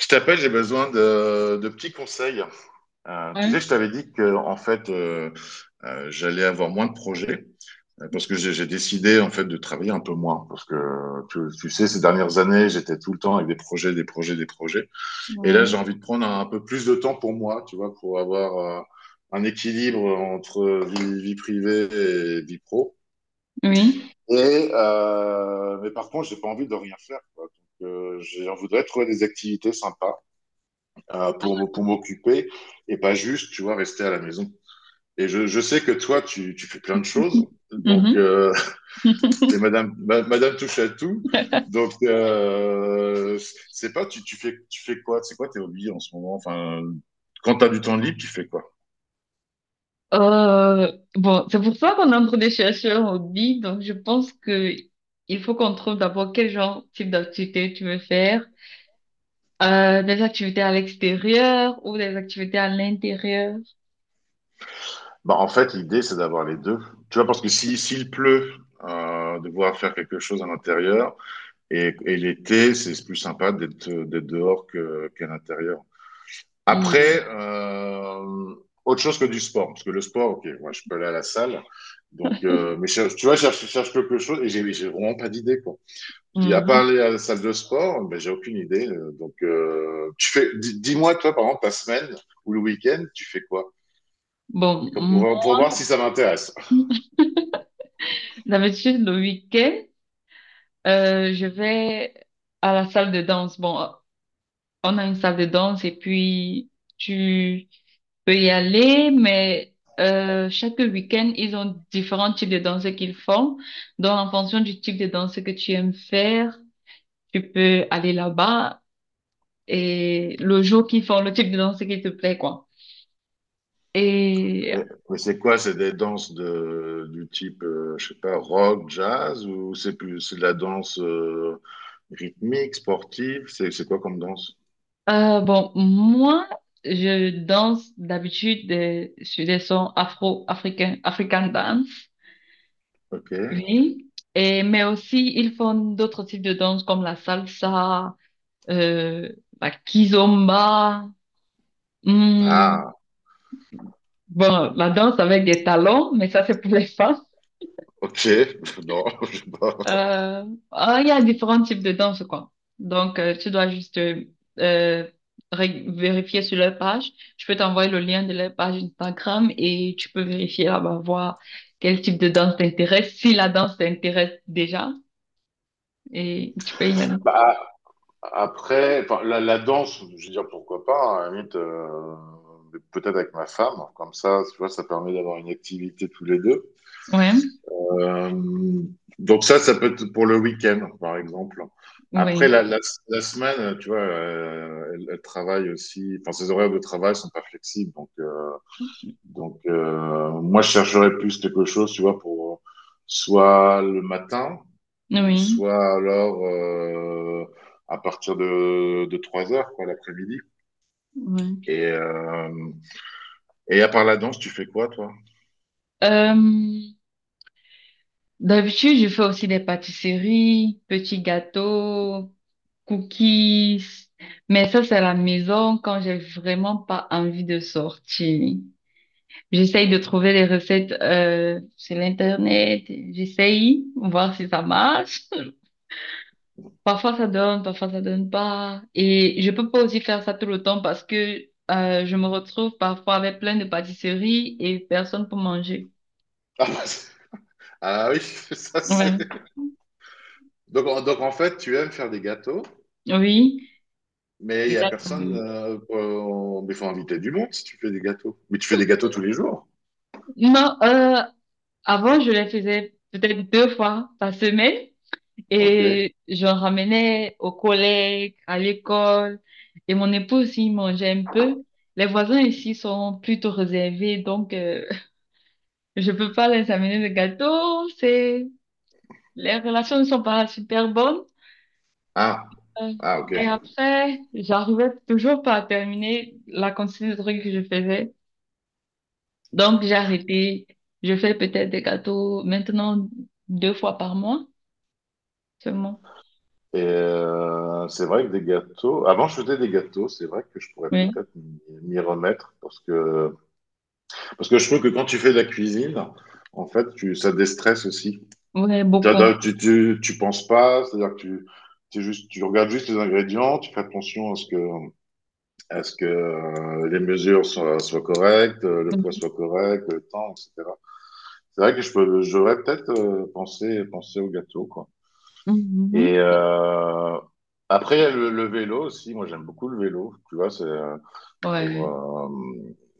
Je t'appelle, j'ai besoin de petits conseils. Tu Ouais. sais, je t'avais dit que en fait, j'allais avoir moins de projets parce que j'ai décidé en fait de travailler un peu moins parce que tu sais, ces dernières années, j'étais tout le temps avec des projets, des projets, des projets. Et là, Ouais. j'ai envie de prendre un peu plus de temps pour moi, tu vois, pour avoir un équilibre entre vie privée et vie pro. Oui. Et mais par contre, j'ai pas envie de rien faire, quoi. Donc, je voudrais trouver des activités sympas pour m'occuper et pas juste, tu vois, rester à la maison. Et je sais que toi, tu fais plein de choses. Donc, Mhm. T'es madame, madame touche à tout. Donc, c'est pas, tu fais quoi? C'est quoi tes hobbies en ce moment? Enfin, quand t'as du temps libre, tu fais quoi? Bon, c'est pour ça qu'on entre des chercheurs au dit. Donc, je pense que il faut qu'on trouve d'abord quel genre, type d'activité tu veux faire. Des activités à l'extérieur ou des activités à l'intérieur. Bah, en fait, l'idée, c'est d'avoir les deux. Tu vois, parce que si, s'il pleut, devoir faire quelque chose à l'intérieur. Et l'été, c'est plus sympa d'être dehors qu'à l'intérieur. Hmm. Après, autre chose que du sport, parce que le sport, ok, moi je peux aller à la salle, donc, tu vois, je cherche quelque chose et j'ai vraiment pas d'idée, quoi. Je dis, à part Mhm. aller à la salle de sport, ben, j'ai aucune idée. Donc, dis-moi, toi, par exemple, ta semaine ou le week-end, tu fais quoi? Bon, Pour voir si ça m'intéresse. d'habitude, le week-end, je vais à la salle de danse. Bon, on a une salle de danse et puis tu peut y aller, mais chaque week-end, ils ont différents types de danses qu'ils font. Donc, en fonction du type de danse que tu aimes faire, tu peux aller là-bas et le jour qu'ils font le type de danse qui te plaît, quoi. Et Mais c'est quoi? C'est des danses du type, je sais pas, rock, jazz, ou c'est de la danse rythmique, sportive? C'est quoi comme danse? Bon, moi, je danse d'habitude sur des sons afro-africains, African dance, Ok. oui. Et, mais aussi, ils font d'autres types de danse comme la salsa, euh, la kizomba. Hmm, Ah, bon, la danse avec des talons, mais ça, c'est pour les femmes. ok. Non, je sais pas. Euh, il y a différents types de danse, quoi. Donc, tu dois juste euh, vérifier sur leur page. Je peux t'envoyer le lien de leur page Instagram et tu peux vérifier là-bas, voir quel type de danse t'intéresse, si la danse t'intéresse déjà. Et tu peux y aller. Bah, après, enfin, la danse, je veux dire, pourquoi pas, hein, à la limite, mais peut-être avec ma femme, comme ça, tu vois, ça permet d'avoir une activité tous les deux. Ouais, Euh, donc ça, ça peut être pour le week-end, par exemple. Après, oui, la semaine, tu vois, elle travaille aussi, enfin, ses horaires de travail sont pas flexibles, donc, moi, je chercherais plus quelque chose, tu vois, pour soit le matin, ou oui, soit alors à partir de 3 heures, quoi, l'après-midi. oui. Et, euh, et à part la danse, tu fais quoi, toi? Euh, D'habitude, je fais aussi des pâtisseries, petits gâteaux. Cookies. Mais ça, c'est à la maison quand j'ai vraiment pas envie de sortir. J'essaye de trouver les recettes sur l'internet. J'essaye, voir si ça marche. Parfois ça donne pas. Et je peux pas aussi faire ça tout le temps parce que je me retrouve parfois avec plein de pâtisseries et personne pour manger. Ah, bah, ah oui, ça c'est. Ouais. Donc, donc en fait, tu aimes faire des gâteaux, Oui. mais il Les n'y a personne. Mais il faut inviter du monde si tu fais des gâteaux. Mais tu fais des gâteaux tous les jours. Non, avant je les faisais peut-être deux fois par semaine. Ok. Et j'en ramenais aux collègues, à l'école. Et mon époux aussi il mangeait un peu. Les voisins ici sont plutôt réservés, donc je peux pas les amener de gâteau. C'est... Les relations ne sont pas super bonnes. Ah. Euh, Ah, ok. mais après, j'arrivais toujours pas à terminer la quantité de trucs que je faisais. Donc j'ai arrêté. Je fais peut-être des gâteaux maintenant deux fois par mois seulement. Et c'est vrai que des gâteaux. Avant, je faisais des gâteaux. C'est vrai que je pourrais Oui, peut-être m'y remettre parce que parce que je trouve que quand tu fais de la cuisine, en fait, ça déstresse aussi. ouais, beaucoup. Tu penses pas, c'est-à-dire que tu regardes juste les ingrédients, tu fais attention à ce que les mesures soient, soient correctes, le poids Oui. soit correct, le temps, etc. C'est vrai que je peux, j'aurais peut-être pensé au gâteau, quoi. Et Mhm. Après, il y a le vélo aussi. Moi, j'aime beaucoup le vélo. Tu vois, c'est, pour, Ouais.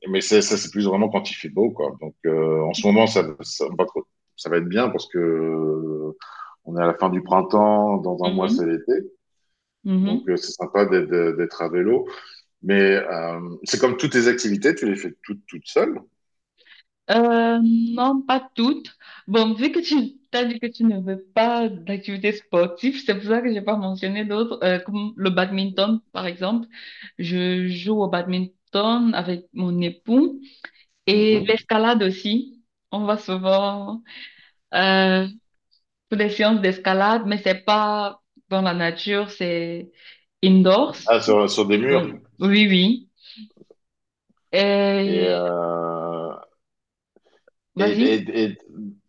mais c'est plus vraiment quand il fait beau, quoi. Donc, en ce moment, ça va être bien parce que on est à la fin du printemps, dans un mois, c'est Mhm, l'été. Donc, mhm. C'est sympa d'être à vélo. Mais c'est comme toutes tes activités, tu les fais toutes, toutes seules. Non, pas toutes. Bon, vu que tu t'as dit que tu ne veux pas d'activité sportive, c'est pour ça que j'ai pas mentionné d'autres, comme le badminton, par exemple. Je joue au badminton avec mon époux et Mhm. l'escalade aussi. On va souvent euh, pour des séances d'escalade, mais c'est pas dans la nature, c'est indoors. Ah, sur des Donc, murs. oui, oui. Et, Et et, vas-y. et, et-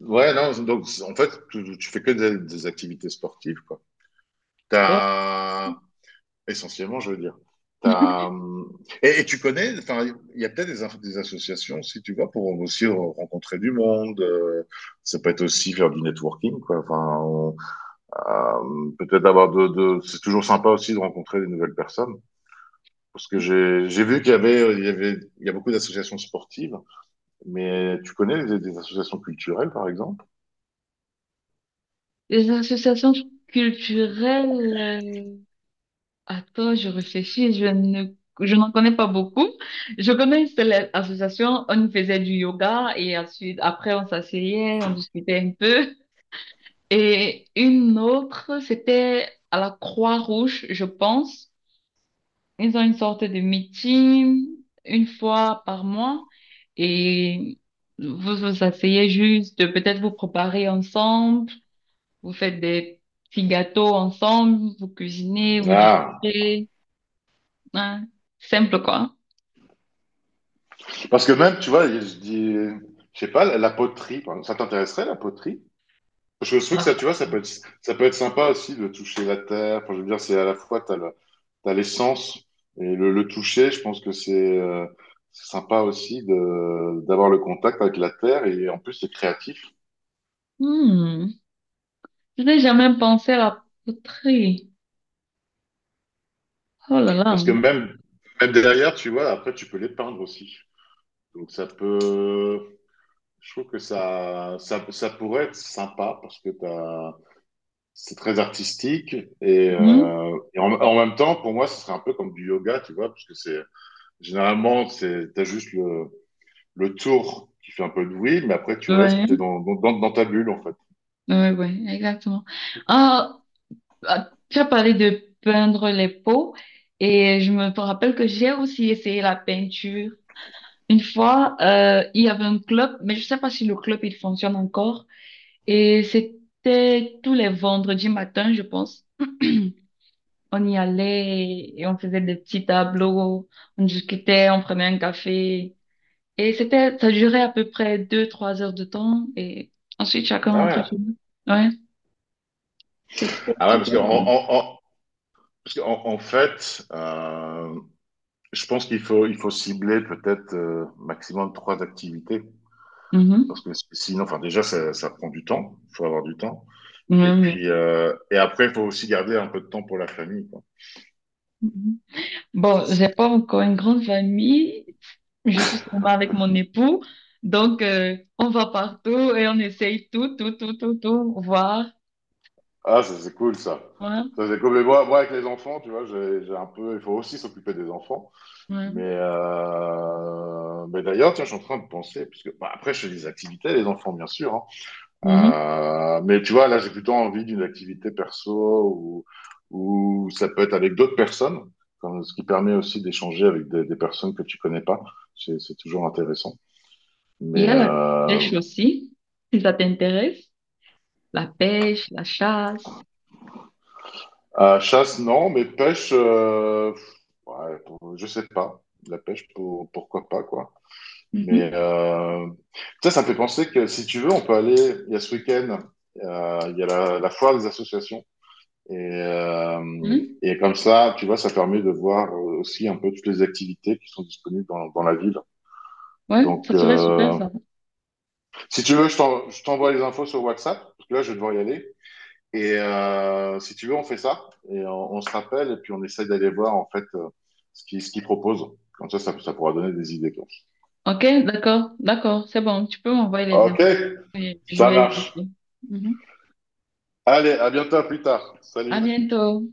ouais, non, donc, en fait, tu fais que des activités sportives, quoi. T'as, essentiellement, je veux dire. T'as, et tu connais, enfin, il y a peut-être des associations si tu vas, pour aussi rencontrer du monde. Ça peut être aussi faire du networking, quoi. Peut-être avoir c'est toujours sympa aussi de rencontrer des nouvelles personnes. Parce que j'ai vu qu'il y avait, il y a beaucoup d'associations sportives, mais tu connais des associations culturelles, par exemple? Les associations culturelles, attends, je réfléchis, je n'en connais pas beaucoup. Je connais une seule association, on y faisait du yoga et ensuite, après, on s'asseyait, on discutait un peu. Et une autre, c'était à la Croix-Rouge, je pense. Ils ont une sorte de meeting une fois par mois et vous vous asseyez juste, peut-être vous préparez ensemble. Vous faites des petits gâteaux ensemble, vous cuisinez, vous Ah, discutez. Hein. Simple, quoi. parce que même, tu vois, je dis, je sais pas, la poterie, par exemple. Ça t'intéresserait, la poterie? Je trouve que Ah, ça, tu vois, ça peut être sympa aussi de toucher la terre. Enfin, je veux dire, c'est à la fois, t'as le, t'as l'essence et le toucher. Je pense que c'est sympa aussi d'avoir le contact avec la terre et en plus, c'est créatif. hmm. Je n'ai jamais pensé à la poterie. Oh là là. Parce que même, même derrière, tu vois, après, tu peux les peindre aussi. Donc, ça peut, je trouve que ça pourrait être sympa parce que t'as, c'est très artistique Hmm. Et en même temps, pour moi, ce serait un peu comme du yoga, tu vois, parce que c'est, généralement, c'est, t'as juste le tour qui fait un peu de bruit, mais après, tu restes t'es Ouais. Dans ta bulle, en fait. Ouais, ouais, exactement. Ah, ah, tu as parlé de peindre les peaux et je me rappelle que j'ai aussi essayé la peinture. Une fois, il y avait un club, mais je sais pas si le club il fonctionne encore. Et c'était tous les vendredis matin, je pense. On y allait et on faisait des petits tableaux, on discutait, on prenait un café. Et c'était, ça durait à peu près deux, trois heures de temps et ensuite chacun Ah rentrait ouais. chez nous. Ouais, c'était Ah ouais, parce que super cool. Parce que en fait, je pense qu'il faut, il faut cibler peut-être maximum trois activités. Parce Mhm. que sinon, enfin, déjà, ça prend du temps. Il faut avoir du temps. Ouais, Et ouais. puis, et après, il faut aussi garder un peu de temps pour la famille, quoi. Mhm. Bon, j'ai pas encore une grande famille. Je suis seulement avec mon époux. Donc, on va partout et on essaye tout, tout, tout, tout, tout, voir. Ah, ça, c'est cool, ça. Ouais, Ça, c'est cool. Mais moi, avec les enfants, tu vois, j'ai un peu, il faut aussi s'occuper des enfants. ouais. Mais d'ailleurs, tiens, je suis en train de penser, parce que bah, après, je fais des activités, les enfants, bien sûr. Hein. Mhm. Mais tu vois, là, j'ai plutôt envie d'une activité perso ou ça peut être avec d'autres personnes, comme- ce qui permet aussi d'échanger avec des personnes que tu connais pas. C'est toujours intéressant. Il y Mais a la pêche aussi, si ça t'intéresse. La pêche, la chasse. à chasse, non, mais pêche, ouais, pour- je sais pas. La pêche, pour- pourquoi pas, quoi. Mais Mhm. Ça, ça me fait penser que si tu veux, on peut aller. Il y a ce week-end, il y a la foire des associations. Et, euh, Hmm? et comme ça, tu vois, ça permet de voir aussi un peu toutes les activités qui sont disponibles dans la ville. Ouais, Donc, ça serait super ça. si tu veux, je t'envoie les infos sur WhatsApp, parce que là, je vais devoir y aller. Et si tu veux, on fait ça, et on se rappelle, et puis on essaie d'aller voir, en fait, ce qu'ils proposent. Comme ça, pourra donner des idées. Quoi. Ok, d'accord, d'accord, c'est bon. Tu peux m'envoyer les OK, infos et je ça vais marche. vérifier. Mhm. Allez, à bientôt, à plus tard. À Salut. bientôt.